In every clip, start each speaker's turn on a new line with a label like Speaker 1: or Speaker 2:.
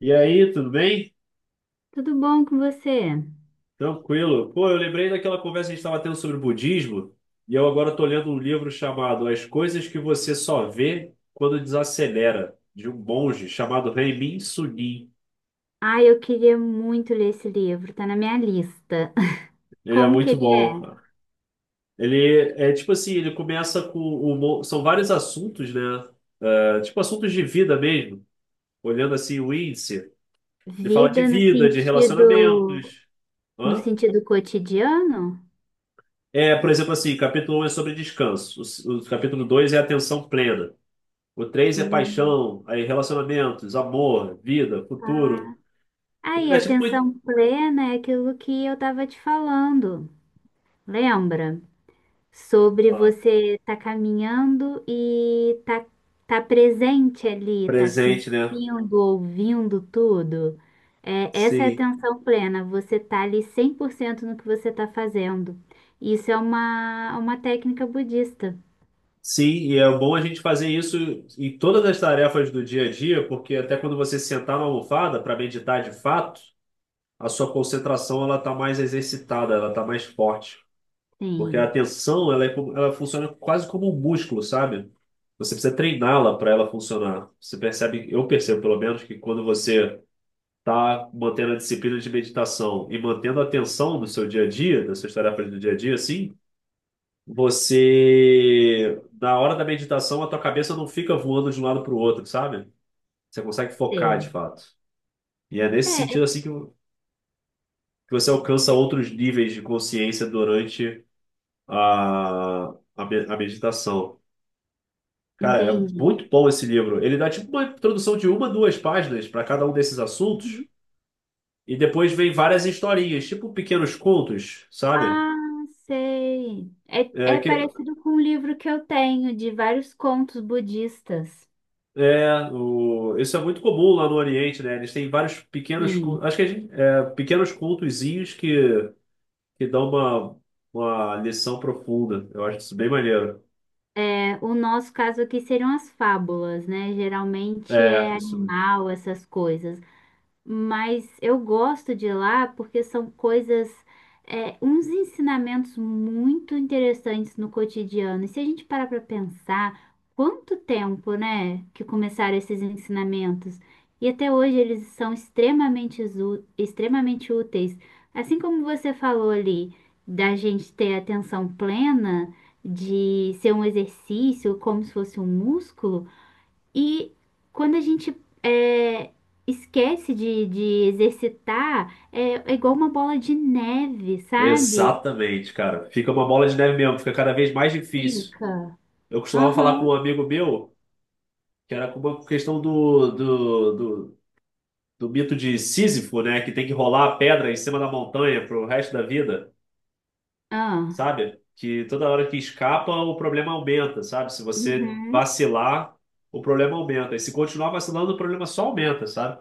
Speaker 1: E aí, tudo bem?
Speaker 2: Tudo bom com você?
Speaker 1: Tranquilo. Pô, eu lembrei daquela conversa que a gente estava tendo sobre budismo, e eu agora estou lendo um livro chamado As Coisas que Você Só Vê Quando Desacelera, de um monge chamado Renmin Sunim.
Speaker 2: Ai, eu queria muito ler esse livro, tá na minha lista.
Speaker 1: Ele é
Speaker 2: Como que
Speaker 1: muito
Speaker 2: ele
Speaker 1: bom,
Speaker 2: é?
Speaker 1: cara. Ele é tipo assim, ele começa com são vários assuntos, né? É, tipo assuntos de vida mesmo. Olhando assim o índice, ele fala de
Speaker 2: Vida no
Speaker 1: vida, de
Speaker 2: sentido,
Speaker 1: relacionamentos.
Speaker 2: no
Speaker 1: Hã?
Speaker 2: sentido cotidiano?
Speaker 1: É, por exemplo, assim, capítulo um é sobre descanso. O capítulo 2 é atenção plena. O três é
Speaker 2: Hum,
Speaker 1: paixão, aí relacionamentos, amor, vida, futuro.
Speaker 2: tá.
Speaker 1: Ele
Speaker 2: Aí,
Speaker 1: dá tipo muito
Speaker 2: atenção plena é aquilo que eu tava te falando. Lembra? Sobre
Speaker 1: ó,
Speaker 2: você tá caminhando e tá presente ali, tá
Speaker 1: presente, né?
Speaker 2: sentindo, ouvindo tudo. É, essa é a
Speaker 1: Sim.
Speaker 2: atenção plena, você tá ali 100% no que você tá fazendo. Isso é uma técnica budista.
Speaker 1: Sim, e é bom a gente fazer isso em todas as tarefas do dia a dia, porque até quando você sentar na almofada para meditar de fato, a sua concentração ela tá mais exercitada, ela tá mais forte. Porque a
Speaker 2: Sim,
Speaker 1: atenção, ela, é, ela funciona quase como um músculo, sabe? Você precisa treiná-la para ela funcionar. Você percebe, eu percebo pelo menos, que quando você está mantendo a disciplina de meditação e mantendo a atenção do seu dia a dia, das suas tarefas do dia a dia, assim, você, na hora da meditação, a tua cabeça não fica voando de um lado para o outro, sabe? Você consegue focar de
Speaker 2: sei.
Speaker 1: fato. E é nesse sentido,
Speaker 2: É,
Speaker 1: assim, que você alcança outros níveis de consciência durante a, a meditação. Cara, é
Speaker 2: entendi.
Speaker 1: muito bom esse livro. Ele dá tipo uma introdução de uma, duas páginas para cada um desses assuntos,
Speaker 2: Uhum.
Speaker 1: e depois vem várias historinhas, tipo pequenos contos, sabe?
Speaker 2: Ah, sei. É,
Speaker 1: É,
Speaker 2: é
Speaker 1: que,
Speaker 2: parecido com um livro que eu tenho de vários contos budistas.
Speaker 1: isso é muito comum lá no Oriente, né? Eles têm vários pequenos,
Speaker 2: Sim.
Speaker 1: acho que a gente, é, pequenos contozinhos que dão uma lição profunda. Eu acho isso bem maneiro.
Speaker 2: É, o nosso caso aqui seriam as fábulas, né? Geralmente
Speaker 1: É,
Speaker 2: é
Speaker 1: isso.
Speaker 2: animal, essas coisas, mas eu gosto de ir lá porque são coisas, é, uns ensinamentos muito interessantes no cotidiano. E se a gente parar para pensar, quanto tempo, né, que começaram esses ensinamentos? E até hoje eles são extremamente, extremamente úteis. Assim como você falou ali, da gente ter atenção plena, de ser um exercício, como se fosse um músculo. E quando a gente é, esquece de exercitar, é, é igual uma bola de neve, sabe?
Speaker 1: Exatamente, cara. Fica uma bola de neve mesmo, fica cada vez mais difícil.
Speaker 2: Fica.
Speaker 1: Eu costumava falar com
Speaker 2: Aham,
Speaker 1: um amigo meu, que era com a questão do, do mito de Sísifo, né? Que tem que rolar a pedra em cima da montanha pro resto da vida,
Speaker 2: ah,
Speaker 1: sabe? Que toda hora que escapa, o problema aumenta, sabe? Se você
Speaker 2: uhum,
Speaker 1: vacilar, o problema aumenta. E se continuar vacilando, o problema só aumenta, sabe?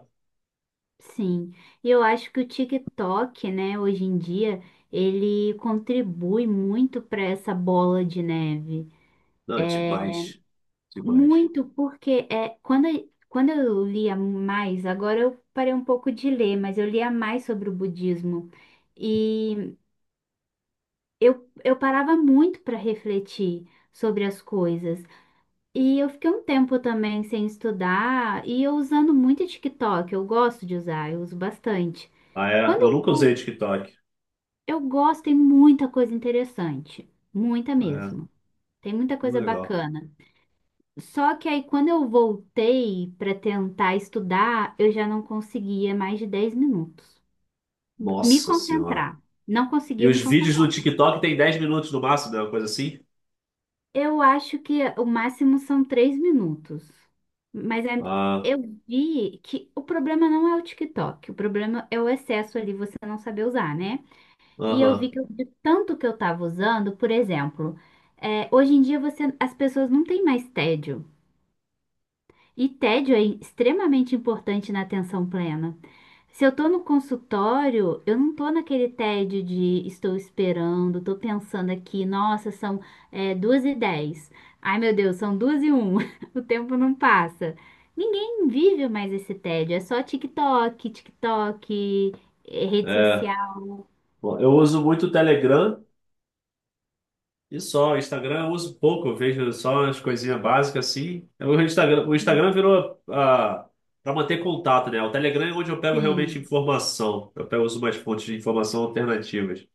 Speaker 2: sim. E eu acho que o TikTok, né, hoje em dia, ele contribui muito para essa bola de neve.
Speaker 1: Não, demais, demais.
Speaker 2: Muito, quando eu lia mais, agora eu parei um pouco de ler, mas eu lia mais sobre o budismo. E eu parava muito para refletir sobre as coisas. E eu fiquei um tempo também sem estudar e eu usando muito TikTok. Eu gosto de usar, eu uso bastante.
Speaker 1: Ah, é?
Speaker 2: Quando
Speaker 1: Eu
Speaker 2: eu
Speaker 1: nunca usei
Speaker 2: vou,
Speaker 1: TikTok.
Speaker 2: eu gosto, tem muita coisa interessante, muita
Speaker 1: Ah,
Speaker 2: mesmo.
Speaker 1: é,
Speaker 2: Tem muita
Speaker 1: muito
Speaker 2: coisa
Speaker 1: legal.
Speaker 2: bacana. Só que aí quando eu voltei para tentar estudar, eu já não conseguia mais de 10 minutos me
Speaker 1: Nossa senhora.
Speaker 2: concentrar. Não
Speaker 1: E
Speaker 2: conseguia me
Speaker 1: os vídeos do
Speaker 2: concentrar.
Speaker 1: TikTok tem 10 minutos no máximo, né? Uma coisa assim.
Speaker 2: Eu acho que o máximo são 3 minutos. Mas é-
Speaker 1: Ah,
Speaker 2: eu vi que o problema não é o TikTok, o problema é o excesso ali, você não saber usar, né? E eu vi
Speaker 1: aham.
Speaker 2: que de tanto que eu tava usando, por exemplo, é, hoje em dia as pessoas não têm mais tédio. E tédio é extremamente importante na atenção plena. Se eu tô no consultório, eu não tô naquele tédio de estou esperando, tô pensando aqui, nossa, são 2:10. Ai, meu Deus, são 2:01. O tempo não passa. Ninguém vive mais esse tédio, é só TikTok, TikTok, rede
Speaker 1: É.
Speaker 2: social.
Speaker 1: Bom, eu uso muito o Telegram. E só, o Instagram eu uso pouco, eu vejo só as coisinhas básicas assim. O Instagram virou, ah, para manter contato, né? O Telegram é onde eu pego realmente
Speaker 2: Sim.
Speaker 1: informação. Eu pego, uso umas fontes de informação alternativas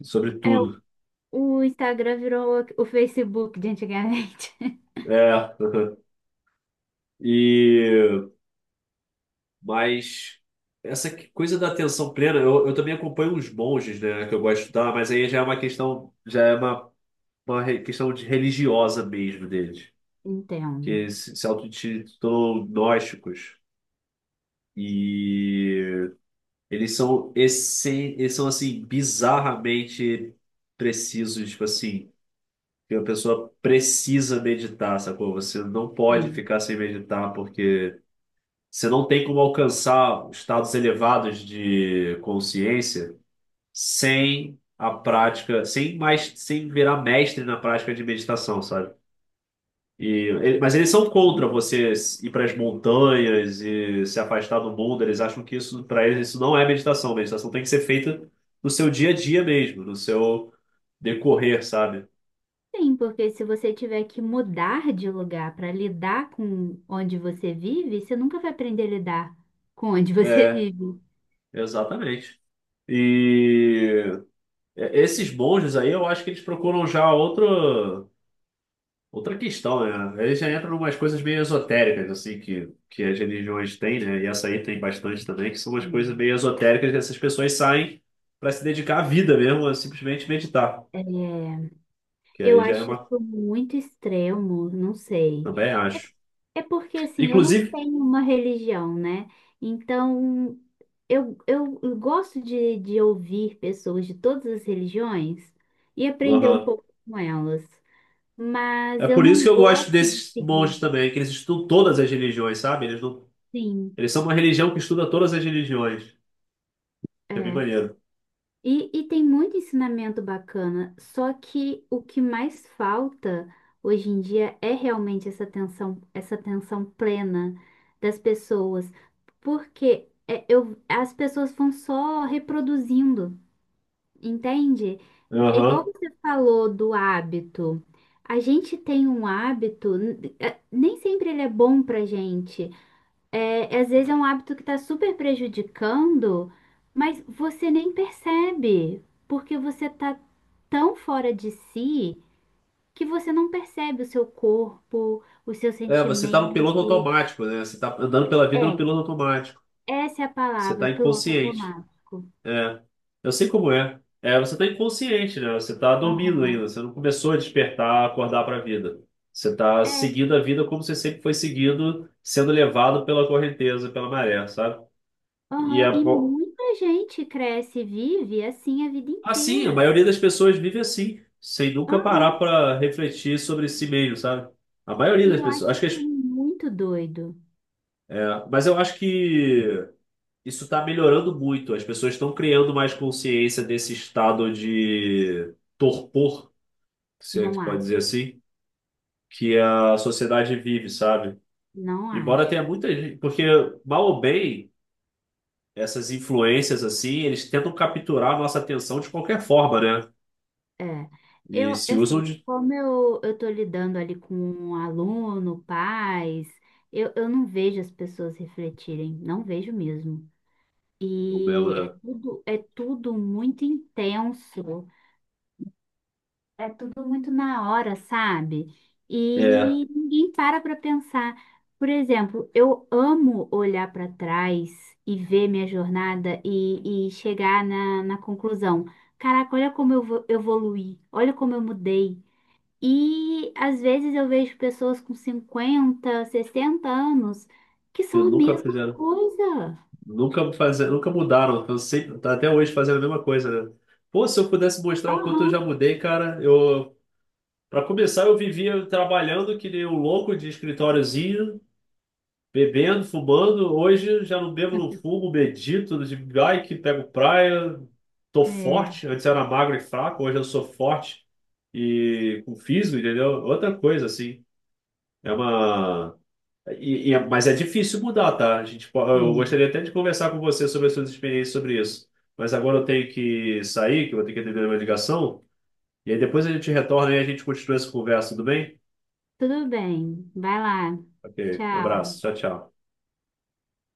Speaker 1: sobre
Speaker 2: É,
Speaker 1: tudo.
Speaker 2: o Instagram virou o Facebook de antigamente.
Speaker 1: É. E mas essa coisa da atenção plena, eu também acompanho uns monges, né, que eu gosto de estudar, mas aí já é uma questão, já é uma questão de religiosa mesmo deles,
Speaker 2: Entendo.
Speaker 1: que se autotitulam gnósticos. E eles são eles são assim bizarramente precisos, tipo assim, que a pessoa precisa meditar, sacou? Você não pode
Speaker 2: Sim.
Speaker 1: ficar sem meditar porque você não tem como alcançar estados elevados de consciência sem a prática, sem mais, sem virar mestre na prática de meditação, sabe? E, mas eles são contra você ir para as montanhas e se afastar do mundo. Eles acham que isso, para eles, isso não é meditação. Meditação tem que ser feita no seu dia a dia mesmo, no seu decorrer, sabe?
Speaker 2: Sim, porque se você tiver que mudar de lugar para lidar com onde você vive, você nunca vai aprender a lidar com onde você
Speaker 1: É,
Speaker 2: vive.
Speaker 1: exatamente. E é, esses monges aí, eu acho que eles procuram já outro. Outra questão, né? Aí já entra umas coisas meio esotéricas, assim, que as religiões têm, né? E essa aí tem bastante também, que são umas coisas
Speaker 2: Sim.
Speaker 1: meio esotéricas que essas pessoas saem para se dedicar à vida mesmo, a simplesmente meditar.
Speaker 2: É,
Speaker 1: Que
Speaker 2: eu
Speaker 1: aí já é
Speaker 2: acho
Speaker 1: uma.
Speaker 2: isso muito extremo, não sei.
Speaker 1: Também acho.
Speaker 2: É porque, assim, eu não
Speaker 1: Inclusive,
Speaker 2: tenho uma religião, né? Então, eu gosto de ouvir pessoas de todas as religiões e aprender um
Speaker 1: aham,
Speaker 2: pouco com elas.
Speaker 1: é
Speaker 2: Mas eu
Speaker 1: por isso
Speaker 2: não
Speaker 1: que eu gosto
Speaker 2: gosto de
Speaker 1: desses
Speaker 2: seguir,
Speaker 1: monges também, que eles estudam todas as religiões, sabe? Eles não,
Speaker 2: sim.
Speaker 1: eles são uma religião que estuda todas as religiões, que é bem
Speaker 2: É.
Speaker 1: maneiro.
Speaker 2: E, e tem muito ensinamento bacana, só que o que mais falta hoje em dia é realmente essa atenção plena das pessoas, porque as pessoas vão só reproduzindo, entende? Igual
Speaker 1: Aham.
Speaker 2: você falou do hábito, a gente tem um hábito, nem sempre ele é bom pra gente. É, às vezes é um hábito que está super prejudicando, mas você nem percebe, porque você está tão fora de si que você não percebe o seu corpo, o seu
Speaker 1: É, você tá no piloto
Speaker 2: sentimento.
Speaker 1: automático, né? Você tá andando pela vida no
Speaker 2: É,
Speaker 1: piloto automático.
Speaker 2: essa é a
Speaker 1: Você
Speaker 2: palavra,
Speaker 1: tá
Speaker 2: piloto
Speaker 1: inconsciente.
Speaker 2: automático.
Speaker 1: É, eu sei como é. É, você tá inconsciente, né? Você tá dormindo ainda,
Speaker 2: Aham.
Speaker 1: você não começou a despertar, acordar para a vida. Você tá
Speaker 2: É,
Speaker 1: seguindo a vida como você sempre foi seguindo, sendo levado pela correnteza, pela maré, sabe? E
Speaker 2: aham.
Speaker 1: é
Speaker 2: E
Speaker 1: bom.
Speaker 2: muita gente cresce e vive assim a vida
Speaker 1: Assim, a
Speaker 2: inteira.
Speaker 1: maioria das pessoas vive assim, sem nunca parar
Speaker 2: Aham.
Speaker 1: para refletir sobre si mesmo, sabe? A maioria
Speaker 2: E
Speaker 1: das
Speaker 2: eu
Speaker 1: pessoas.
Speaker 2: acho isso muito doido.
Speaker 1: É, mas eu acho que isso está melhorando muito. As pessoas estão criando mais consciência desse estado de torpor, se é que
Speaker 2: Não
Speaker 1: pode
Speaker 2: acho,
Speaker 1: dizer assim, que a sociedade vive, sabe?
Speaker 2: não
Speaker 1: Embora tenha
Speaker 2: acho.
Speaker 1: muita gente, porque mal ou bem, essas influências assim, eles tentam capturar a nossa atenção de qualquer forma, né?
Speaker 2: É,
Speaker 1: E
Speaker 2: é
Speaker 1: se usam
Speaker 2: assim,
Speaker 1: de
Speaker 2: eu tô lidando ali com um aluno, pais, eu não vejo as pessoas refletirem, não vejo mesmo.
Speaker 1: o mesmo,
Speaker 2: E
Speaker 1: né?
Speaker 2: é tudo muito intenso, é tudo muito na hora, sabe? E
Speaker 1: É,
Speaker 2: ninguém para para pensar. Por exemplo, eu amo olhar para trás e ver minha jornada e chegar na conclusão. Caraca, olha como eu evoluí, olha como eu mudei. E às vezes eu vejo pessoas com 50, 60 anos que
Speaker 1: que
Speaker 2: são a
Speaker 1: nunca
Speaker 2: mesma
Speaker 1: fizeram,
Speaker 2: coisa.
Speaker 1: nunca fazer, nunca mudaram. Eu sempre, tá até hoje fazendo a mesma coisa, né? Pô, se eu pudesse mostrar o quanto eu já
Speaker 2: Aham.
Speaker 1: mudei, cara, eu, para começar, eu vivia trabalhando que nem um louco de escritóriozinho, bebendo, fumando, hoje já não bebo, não fumo, medito, de bike, pego praia, tô
Speaker 2: É,
Speaker 1: forte. Antes era magro e fraco, hoje eu sou forte e com físico, entendeu? Outra coisa, assim. É uma. Mas é difícil mudar, tá? A gente, eu
Speaker 2: sim.
Speaker 1: gostaria até de conversar com você sobre as suas experiências sobre isso. Mas agora eu tenho que sair, que eu vou ter que atender uma ligação. E aí depois a gente retorna e a gente continua essa conversa, tudo bem?
Speaker 2: Tudo bem. Vai lá.
Speaker 1: Ok, um
Speaker 2: Tchau.
Speaker 1: abraço, tchau, tchau.